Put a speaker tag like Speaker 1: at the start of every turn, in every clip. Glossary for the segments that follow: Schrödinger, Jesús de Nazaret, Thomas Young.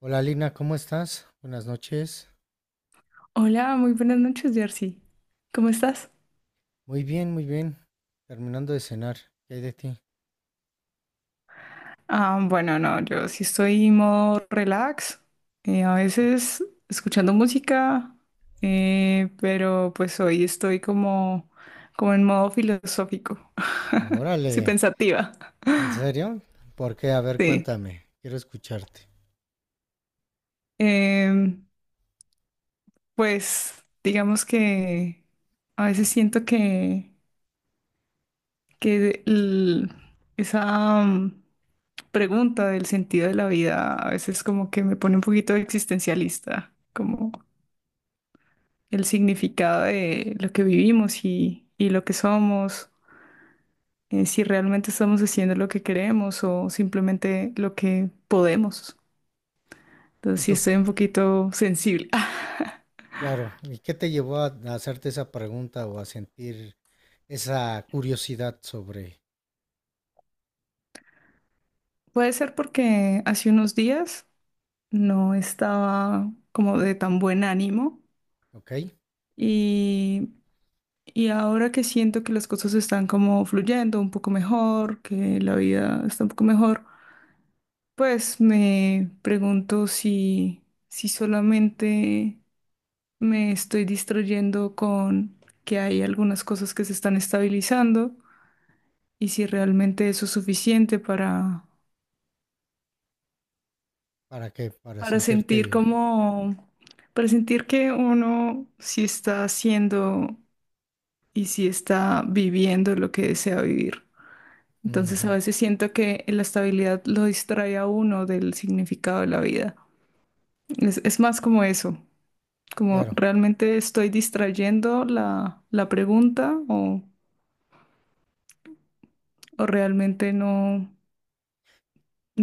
Speaker 1: Hola Lina, ¿cómo estás? Buenas noches.
Speaker 2: Hola, muy buenas noches, Jersey. ¿Cómo estás?
Speaker 1: Muy bien, muy bien. Terminando de cenar. ¿Qué hay de ti?
Speaker 2: Bueno, no, yo sí estoy en modo relax, a veces escuchando música, pero pues hoy estoy como en modo filosófico, sí,
Speaker 1: Órale,
Speaker 2: pensativa,
Speaker 1: ¿en serio? ¿Por qué? A ver,
Speaker 2: sí.
Speaker 1: cuéntame. Quiero escucharte.
Speaker 2: Em, pues digamos que a veces siento que esa... pregunta del sentido de la vida a veces como que me pone un poquito existencialista, como el significado de lo que vivimos y lo que somos, si realmente estamos haciendo lo que queremos o simplemente lo que podemos.
Speaker 1: Y
Speaker 2: Entonces sí
Speaker 1: tú,
Speaker 2: estoy un poquito sensible. Ah,
Speaker 1: claro, ¿y qué te llevó a hacerte esa pregunta o a sentir esa curiosidad sobre,
Speaker 2: puede ser porque hace unos días no estaba como de tan buen ánimo
Speaker 1: ¿ok?
Speaker 2: y y ahora que siento que las cosas están como fluyendo un poco mejor, que la vida está un poco mejor, pues me pregunto si solamente me estoy distrayendo con que hay algunas cosas que se están estabilizando y si realmente eso es suficiente
Speaker 1: ¿Para qué? Para
Speaker 2: para sentir
Speaker 1: sentirte...
Speaker 2: como, para sentir que uno sí está haciendo y sí está viviendo lo que desea vivir. Entonces a
Speaker 1: Ujú,
Speaker 2: veces siento que la estabilidad lo distrae a uno del significado de la vida. Es más como eso, como
Speaker 1: claro.
Speaker 2: realmente estoy distrayendo la pregunta o realmente no,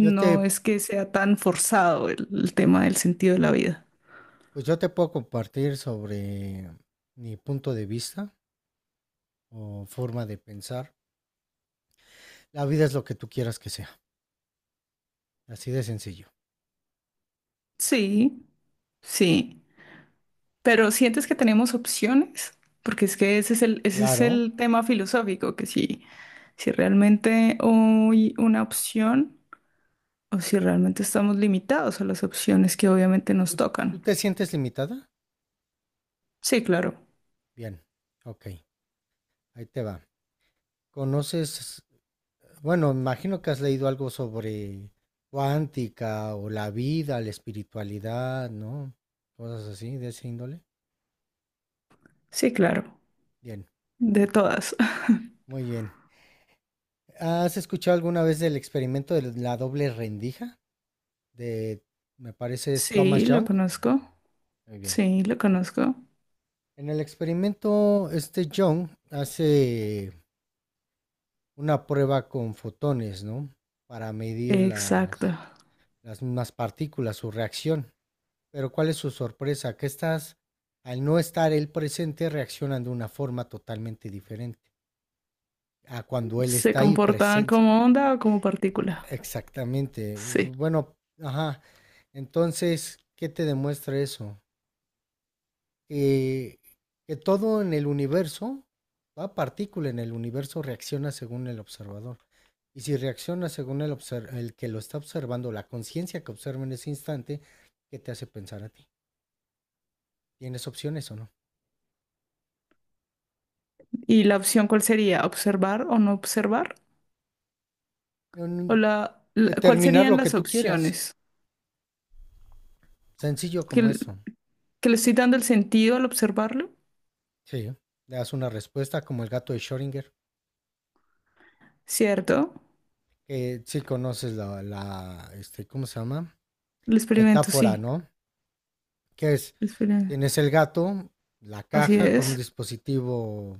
Speaker 1: Yo te,
Speaker 2: es que sea tan forzado el tema del sentido de la vida.
Speaker 1: pues yo te puedo compartir sobre mi punto de vista o forma de pensar. La vida es lo que tú quieras que sea. Así de sencillo.
Speaker 2: Sí, sí, pero ¿sientes que tenemos opciones? Porque es que ese es el, ese es
Speaker 1: Claro.
Speaker 2: el tema filosófico, que si, si realmente hay una opción, o si realmente estamos limitados a las opciones que obviamente nos
Speaker 1: ¿Tú, tú
Speaker 2: tocan.
Speaker 1: te sientes limitada?
Speaker 2: Sí, claro.
Speaker 1: Bien. Ok. Ahí te va. ¿Conoces? Bueno, imagino que has leído algo sobre cuántica o la vida, la espiritualidad, ¿no? Cosas así de ese índole.
Speaker 2: Sí, claro.
Speaker 1: Bien.
Speaker 2: De todas.
Speaker 1: Muy bien. ¿Has escuchado alguna vez del experimento de la doble rendija? De, me parece, es Thomas
Speaker 2: Sí, lo
Speaker 1: Young.
Speaker 2: conozco.
Speaker 1: Muy bien.
Speaker 2: Sí, lo conozco.
Speaker 1: En el experimento, este Young hace una prueba con fotones, ¿no? Para medir
Speaker 2: Exacto.
Speaker 1: las mismas partículas, su reacción. Pero ¿cuál es su sorpresa? ¿Que estas, al no estar él presente, reaccionan de una forma totalmente diferente a cuando él
Speaker 2: Se
Speaker 1: está ahí
Speaker 2: comportan
Speaker 1: presente?
Speaker 2: como onda o como partícula.
Speaker 1: Exactamente.
Speaker 2: Sí.
Speaker 1: Bueno, ajá. Entonces, ¿qué te demuestra eso? eh, que todo en el universo, toda partícula en el universo reacciona según el observador. Y si reacciona según el, el que lo está observando, la conciencia que observa en ese instante, ¿qué te hace pensar a ti? ¿Tienes opciones o no?
Speaker 2: ¿Y la opción cuál sería? ¿Observar o no observar? ¿O
Speaker 1: En
Speaker 2: la, la- Cuál
Speaker 1: determinar
Speaker 2: serían
Speaker 1: lo que
Speaker 2: las
Speaker 1: tú quieras.
Speaker 2: opciones?
Speaker 1: Sencillo
Speaker 2: ¿Que
Speaker 1: como eso.
Speaker 2: que le estoy dando el sentido al observarlo?
Speaker 1: Sí. Le das una respuesta como el gato de Schrödinger.
Speaker 2: ¿Cierto?
Speaker 1: Que sí conoces la, la este, ¿cómo se llama?
Speaker 2: El experimento,
Speaker 1: Metáfora,
Speaker 2: sí.
Speaker 1: ¿no? Que es,
Speaker 2: El experimento.
Speaker 1: tienes el gato, la
Speaker 2: Así
Speaker 1: caja con un
Speaker 2: es.
Speaker 1: dispositivo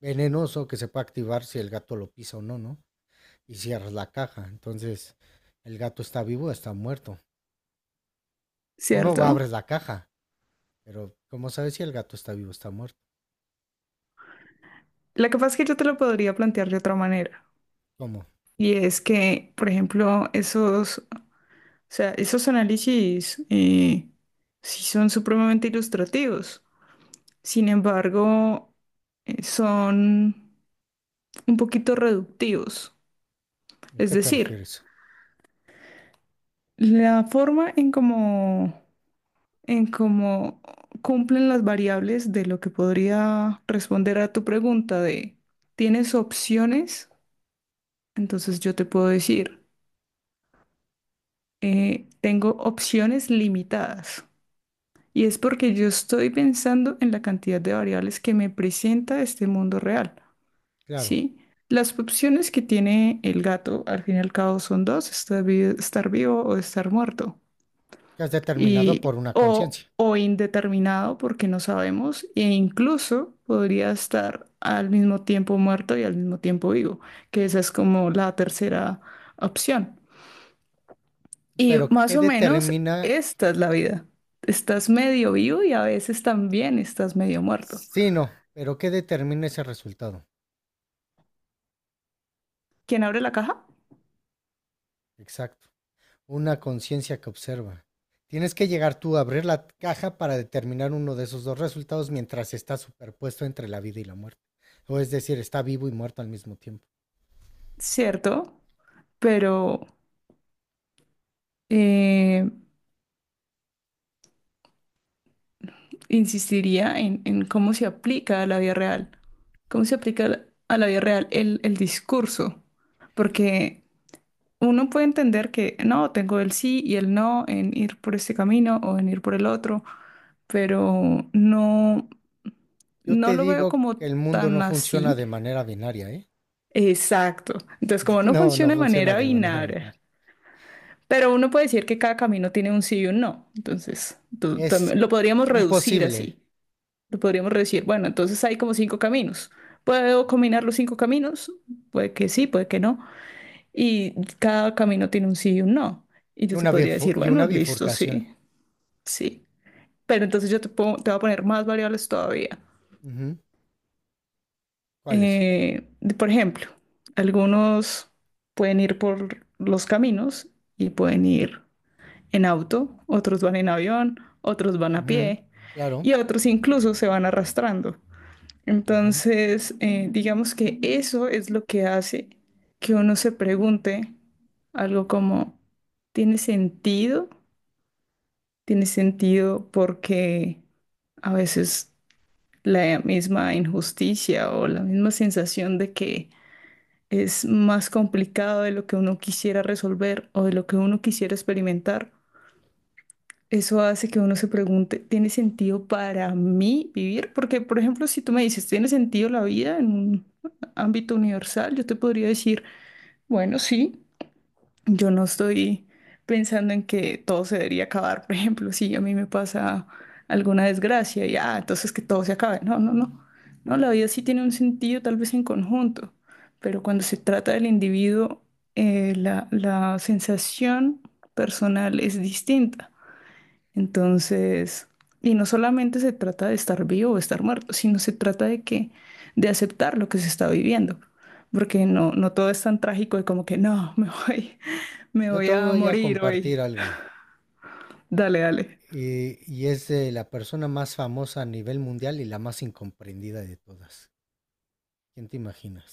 Speaker 1: venenoso que se puede activar si el gato lo pisa o no, ¿no? Y cierras la caja. Entonces, el gato está vivo o está muerto. Uno va, abres
Speaker 2: ¿Cierto?
Speaker 1: la caja, pero ¿cómo sabes si el gato está vivo o está muerto?
Speaker 2: Lo que pasa es que yo te lo podría plantear de otra manera.
Speaker 1: ¿Cómo?
Speaker 2: Y es que, por ejemplo, esos análisis sí son supremamente ilustrativos. Sin embargo, son un poquito reductivos.
Speaker 1: ¿A
Speaker 2: Es
Speaker 1: qué te
Speaker 2: decir,
Speaker 1: refieres?
Speaker 2: la forma en cómo cumplen las variables de lo que podría responder a tu pregunta de, ¿tienes opciones? Entonces yo te puedo decir, tengo opciones limitadas. Y es porque yo estoy pensando en la cantidad de variables que me presenta este mundo real,
Speaker 1: Claro,
Speaker 2: ¿sí? Las opciones que tiene el gato, al fin y al cabo, son dos, estar vivo o estar muerto.
Speaker 1: que has determinado
Speaker 2: Y,
Speaker 1: por una conciencia.
Speaker 2: o indeterminado, porque no sabemos, e incluso podría estar al mismo tiempo muerto y al mismo tiempo vivo, que esa es como la tercera opción. Y
Speaker 1: Pero
Speaker 2: más
Speaker 1: ¿qué
Speaker 2: o menos
Speaker 1: determina?
Speaker 2: esta es la vida. Estás medio vivo y a veces también estás medio muerto.
Speaker 1: Sí, no, pero ¿qué determina ese resultado?
Speaker 2: ¿Quién abre la caja?
Speaker 1: Exacto. Una conciencia que observa. Tienes que llegar tú a abrir la caja para determinar uno de esos dos resultados mientras está superpuesto entre la vida y la muerte. O es decir, está vivo y muerto al mismo tiempo.
Speaker 2: Cierto, pero eh, insistiría en cómo se aplica a la vida real. ¿Cómo se aplica a la vida real el discurso? Porque uno puede entender que no, tengo el sí y el no en ir por este camino o en ir por el otro, pero no,
Speaker 1: Yo
Speaker 2: no
Speaker 1: te
Speaker 2: lo veo
Speaker 1: digo
Speaker 2: como
Speaker 1: que el mundo no
Speaker 2: tan
Speaker 1: funciona
Speaker 2: así.
Speaker 1: de manera binaria, ¿eh?
Speaker 2: Exacto. Entonces, como no
Speaker 1: No, no
Speaker 2: funciona de
Speaker 1: funciona
Speaker 2: manera
Speaker 1: de manera
Speaker 2: binaria,
Speaker 1: binaria.
Speaker 2: pero uno puede decir que cada camino tiene un sí y un no. Entonces,
Speaker 1: Es
Speaker 2: lo podríamos
Speaker 1: un
Speaker 2: reducir
Speaker 1: posible
Speaker 2: así. Lo podríamos reducir, bueno, entonces hay como cinco caminos. ¿Puedo combinar los cinco caminos? Puede que sí, puede que no. Y cada camino tiene un sí y un no. Y
Speaker 1: y
Speaker 2: yo te
Speaker 1: una,
Speaker 2: podría decir,
Speaker 1: y
Speaker 2: bueno,
Speaker 1: una
Speaker 2: listo,
Speaker 1: bifurcación.
Speaker 2: sí, sí. Pero entonces te voy a poner más variables todavía.
Speaker 1: Ujú, ¿cuál es?
Speaker 2: Eh, por ejemplo, algunos pueden ir por los caminos y pueden ir en auto, otros van en avión, otros van a
Speaker 1: Ujú,
Speaker 2: pie
Speaker 1: claro.
Speaker 2: y otros incluso se van arrastrando.
Speaker 1: Ujú.
Speaker 2: Entonces, digamos que eso es lo que hace que uno se pregunte algo como, ¿tiene sentido? ¿Tiene sentido? Porque a veces la misma injusticia o la misma sensación de que es más complicado de lo que uno quisiera resolver o de lo que uno quisiera experimentar. Eso hace que uno se pregunte, ¿tiene sentido para mí vivir? Porque, por ejemplo, si tú me dices, ¿tiene sentido la vida en un ámbito universal? Yo te podría decir, bueno, sí. Yo no estoy pensando en que todo se debería acabar. Por ejemplo, si a mí me pasa alguna desgracia y ah, entonces que todo se acabe. No, no, no. No, la vida sí tiene un sentido, tal vez en conjunto, pero cuando se trata del individuo, la sensación personal es distinta. Entonces, y no solamente se trata de estar vivo o estar muerto, sino se trata de que, de aceptar lo que se está viviendo, porque no, no todo es tan trágico de como que no, me voy, me
Speaker 1: Yo
Speaker 2: voy
Speaker 1: te
Speaker 2: a
Speaker 1: voy a
Speaker 2: morir
Speaker 1: compartir
Speaker 2: hoy.
Speaker 1: algo.
Speaker 2: Dale, dale.
Speaker 1: Y es de la persona más famosa a nivel mundial y la más incomprendida de todas. ¿Quién te imaginas?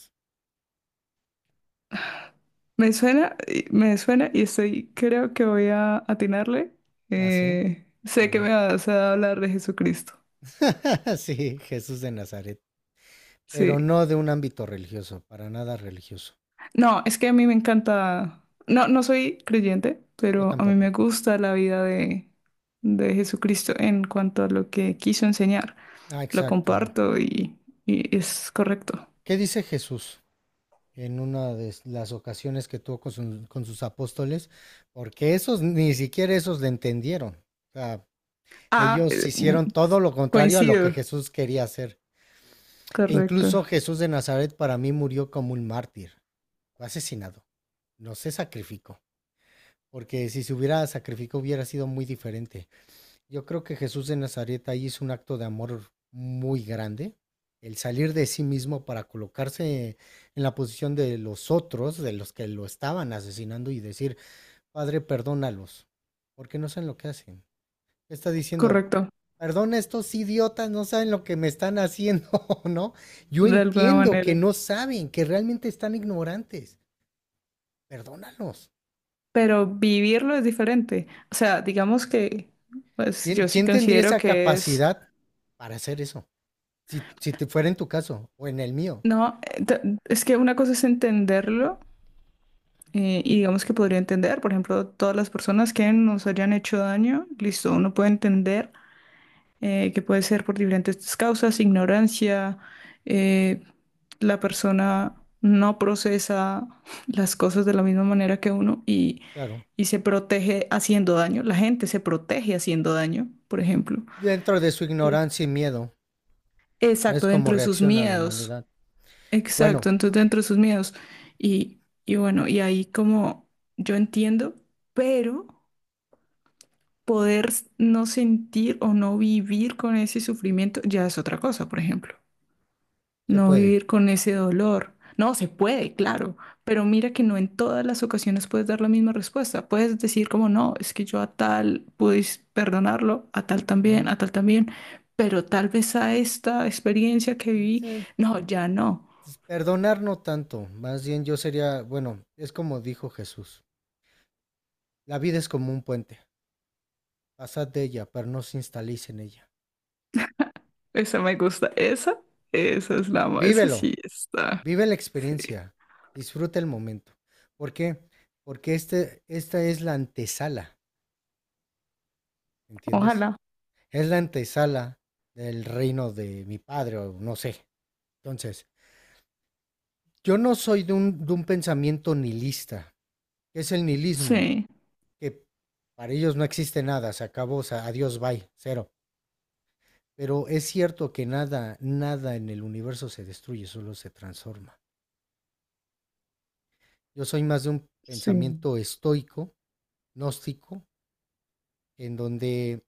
Speaker 2: Me suena, me suena y estoy, creo que voy a atinarle.
Speaker 1: Ah, sí, a
Speaker 2: Sé que me
Speaker 1: ver.
Speaker 2: vas a hablar de Jesucristo.
Speaker 1: Sí, Jesús de Nazaret. Pero
Speaker 2: Sí.
Speaker 1: no de un ámbito religioso, para nada religioso.
Speaker 2: No, es que a mí me encanta, no, no soy creyente,
Speaker 1: Yo
Speaker 2: pero a mí
Speaker 1: tampoco.
Speaker 2: me gusta la vida de Jesucristo en cuanto a lo que quiso enseñar.
Speaker 1: Ah,
Speaker 2: Lo
Speaker 1: exacto.
Speaker 2: comparto y es correcto.
Speaker 1: ¿Qué dice Jesús en una de las ocasiones que tuvo con, con sus apóstoles? Porque esos, ni siquiera esos le entendieron. O sea,
Speaker 2: Ah,
Speaker 1: ellos
Speaker 2: eh,
Speaker 1: hicieron todo lo contrario a lo que
Speaker 2: Coincido.
Speaker 1: Jesús quería hacer. E
Speaker 2: Correcto,
Speaker 1: incluso Jesús de Nazaret para mí murió como un mártir, fue asesinado, no se sacrificó, porque si se hubiera sacrificado hubiera sido muy diferente. Yo creo que Jesús de Nazaret ahí hizo un acto de amor muy grande, el salir de sí mismo para colocarse en la posición de los otros, de los que lo estaban asesinando y decir, Padre, perdónalos, porque no saben lo que hacen, está diciendo,
Speaker 2: correcto,
Speaker 1: perdón, estos idiotas no saben lo que me están haciendo, ¿no? Yo
Speaker 2: de alguna
Speaker 1: entiendo que
Speaker 2: manera.
Speaker 1: no saben, que realmente están ignorantes. Perdónalos.
Speaker 2: Pero vivirlo es diferente. O sea, digamos que, pues
Speaker 1: ¿Quién,
Speaker 2: yo sí
Speaker 1: quién tendría
Speaker 2: considero
Speaker 1: esa
Speaker 2: que es,
Speaker 1: capacidad para hacer eso? Si, si te fuera en tu caso o en el mío,
Speaker 2: no, es que una cosa es entenderlo. Y digamos que podría entender, por ejemplo, todas las personas que nos hayan hecho daño, listo, uno puede entender que puede ser por diferentes causas, ignorancia, eh, la persona no procesa las cosas de la misma manera que uno
Speaker 1: claro.
Speaker 2: y se protege haciendo daño, la gente se protege haciendo daño, por ejemplo.
Speaker 1: Dentro de su
Speaker 2: Eh,
Speaker 1: ignorancia y miedo, es
Speaker 2: Exacto,
Speaker 1: como
Speaker 2: dentro de sus
Speaker 1: reacciona la
Speaker 2: miedos,
Speaker 1: humanidad. Bueno,
Speaker 2: exacto, entonces dentro de sus miedos. Y bueno, y ahí como yo entiendo, pero… No sentir o no vivir con ese sufrimiento ya es otra cosa, por ejemplo.
Speaker 1: se
Speaker 2: No
Speaker 1: puede.
Speaker 2: vivir con ese dolor. No, se puede, claro, pero mira que no en todas las ocasiones puedes dar la misma respuesta. Puedes decir como no, es que yo a tal pude perdonarlo,
Speaker 1: Ujú.
Speaker 2: a tal también, pero tal vez a esta experiencia que viví,
Speaker 1: Eh,
Speaker 2: no, ya no.
Speaker 1: Perdonar no tanto, más bien yo sería, bueno, es como dijo Jesús, la vida es como un puente. Pasad de ella, pero no os instaléis en ella.
Speaker 2: Esa me gusta, esa es la, esa
Speaker 1: Vívelo,
Speaker 2: sí está.
Speaker 1: vive la experiencia, disfruta el momento. ¿Por qué? Porque este, esta es la antesala, ¿entiendes?
Speaker 2: Ojalá,
Speaker 1: Es la antesala del reino de mi padre, o no sé. Entonces, yo no soy de un pensamiento nihilista, que es el nihilismo,
Speaker 2: sí,
Speaker 1: que para ellos no existe nada, se acabó, adiós, bye, cero. Pero es cierto que nada, nada en el universo se destruye, solo se transforma. Yo soy más de un
Speaker 2: sí.
Speaker 1: pensamiento estoico, gnóstico, en donde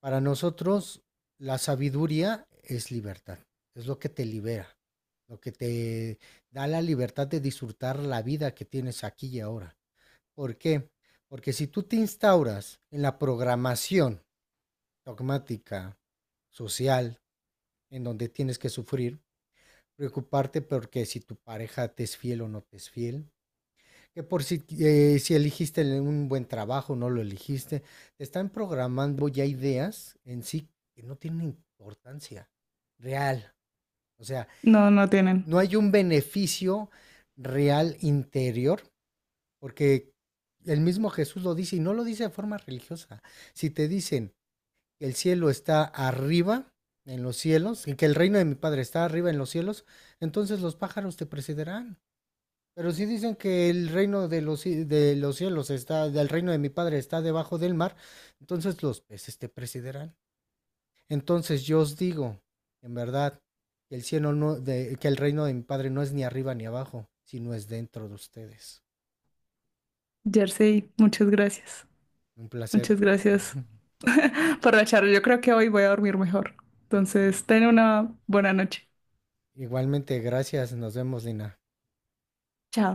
Speaker 1: para nosotros la sabiduría es libertad, es lo que te libera, lo que te da la libertad de disfrutar la vida que tienes aquí y ahora. ¿Por qué? Porque si tú te instauras en la programación dogmática, social, en donde tienes que sufrir, preocuparte porque si tu pareja te es fiel o no te es fiel, que por si, si eligiste un buen trabajo, no lo eligiste, te están programando ya ideas en sí que no tienen importancia real. O sea,
Speaker 2: No, no tienen.
Speaker 1: no hay un beneficio real interior, porque el mismo Jesús lo dice y no lo dice de forma religiosa. Si te dicen que el cielo está arriba en los cielos y que el reino de mi Padre está arriba en los cielos, entonces los pájaros te precederán. Pero sí dicen que el reino de los, de los cielos está, del reino de mi padre está debajo del mar, entonces los peces te presidirán. Entonces yo os digo, en verdad, que el cielo no, que el reino de mi padre no es ni arriba ni abajo, sino es dentro de ustedes.
Speaker 2: Jersey, muchas gracias.
Speaker 1: Un placer.
Speaker 2: Muchas gracias por la charla. Yo creo que hoy voy a dormir mejor. Entonces, ten una buena noche.
Speaker 1: Igualmente, gracias. Nos vemos, Lina.
Speaker 2: Chao.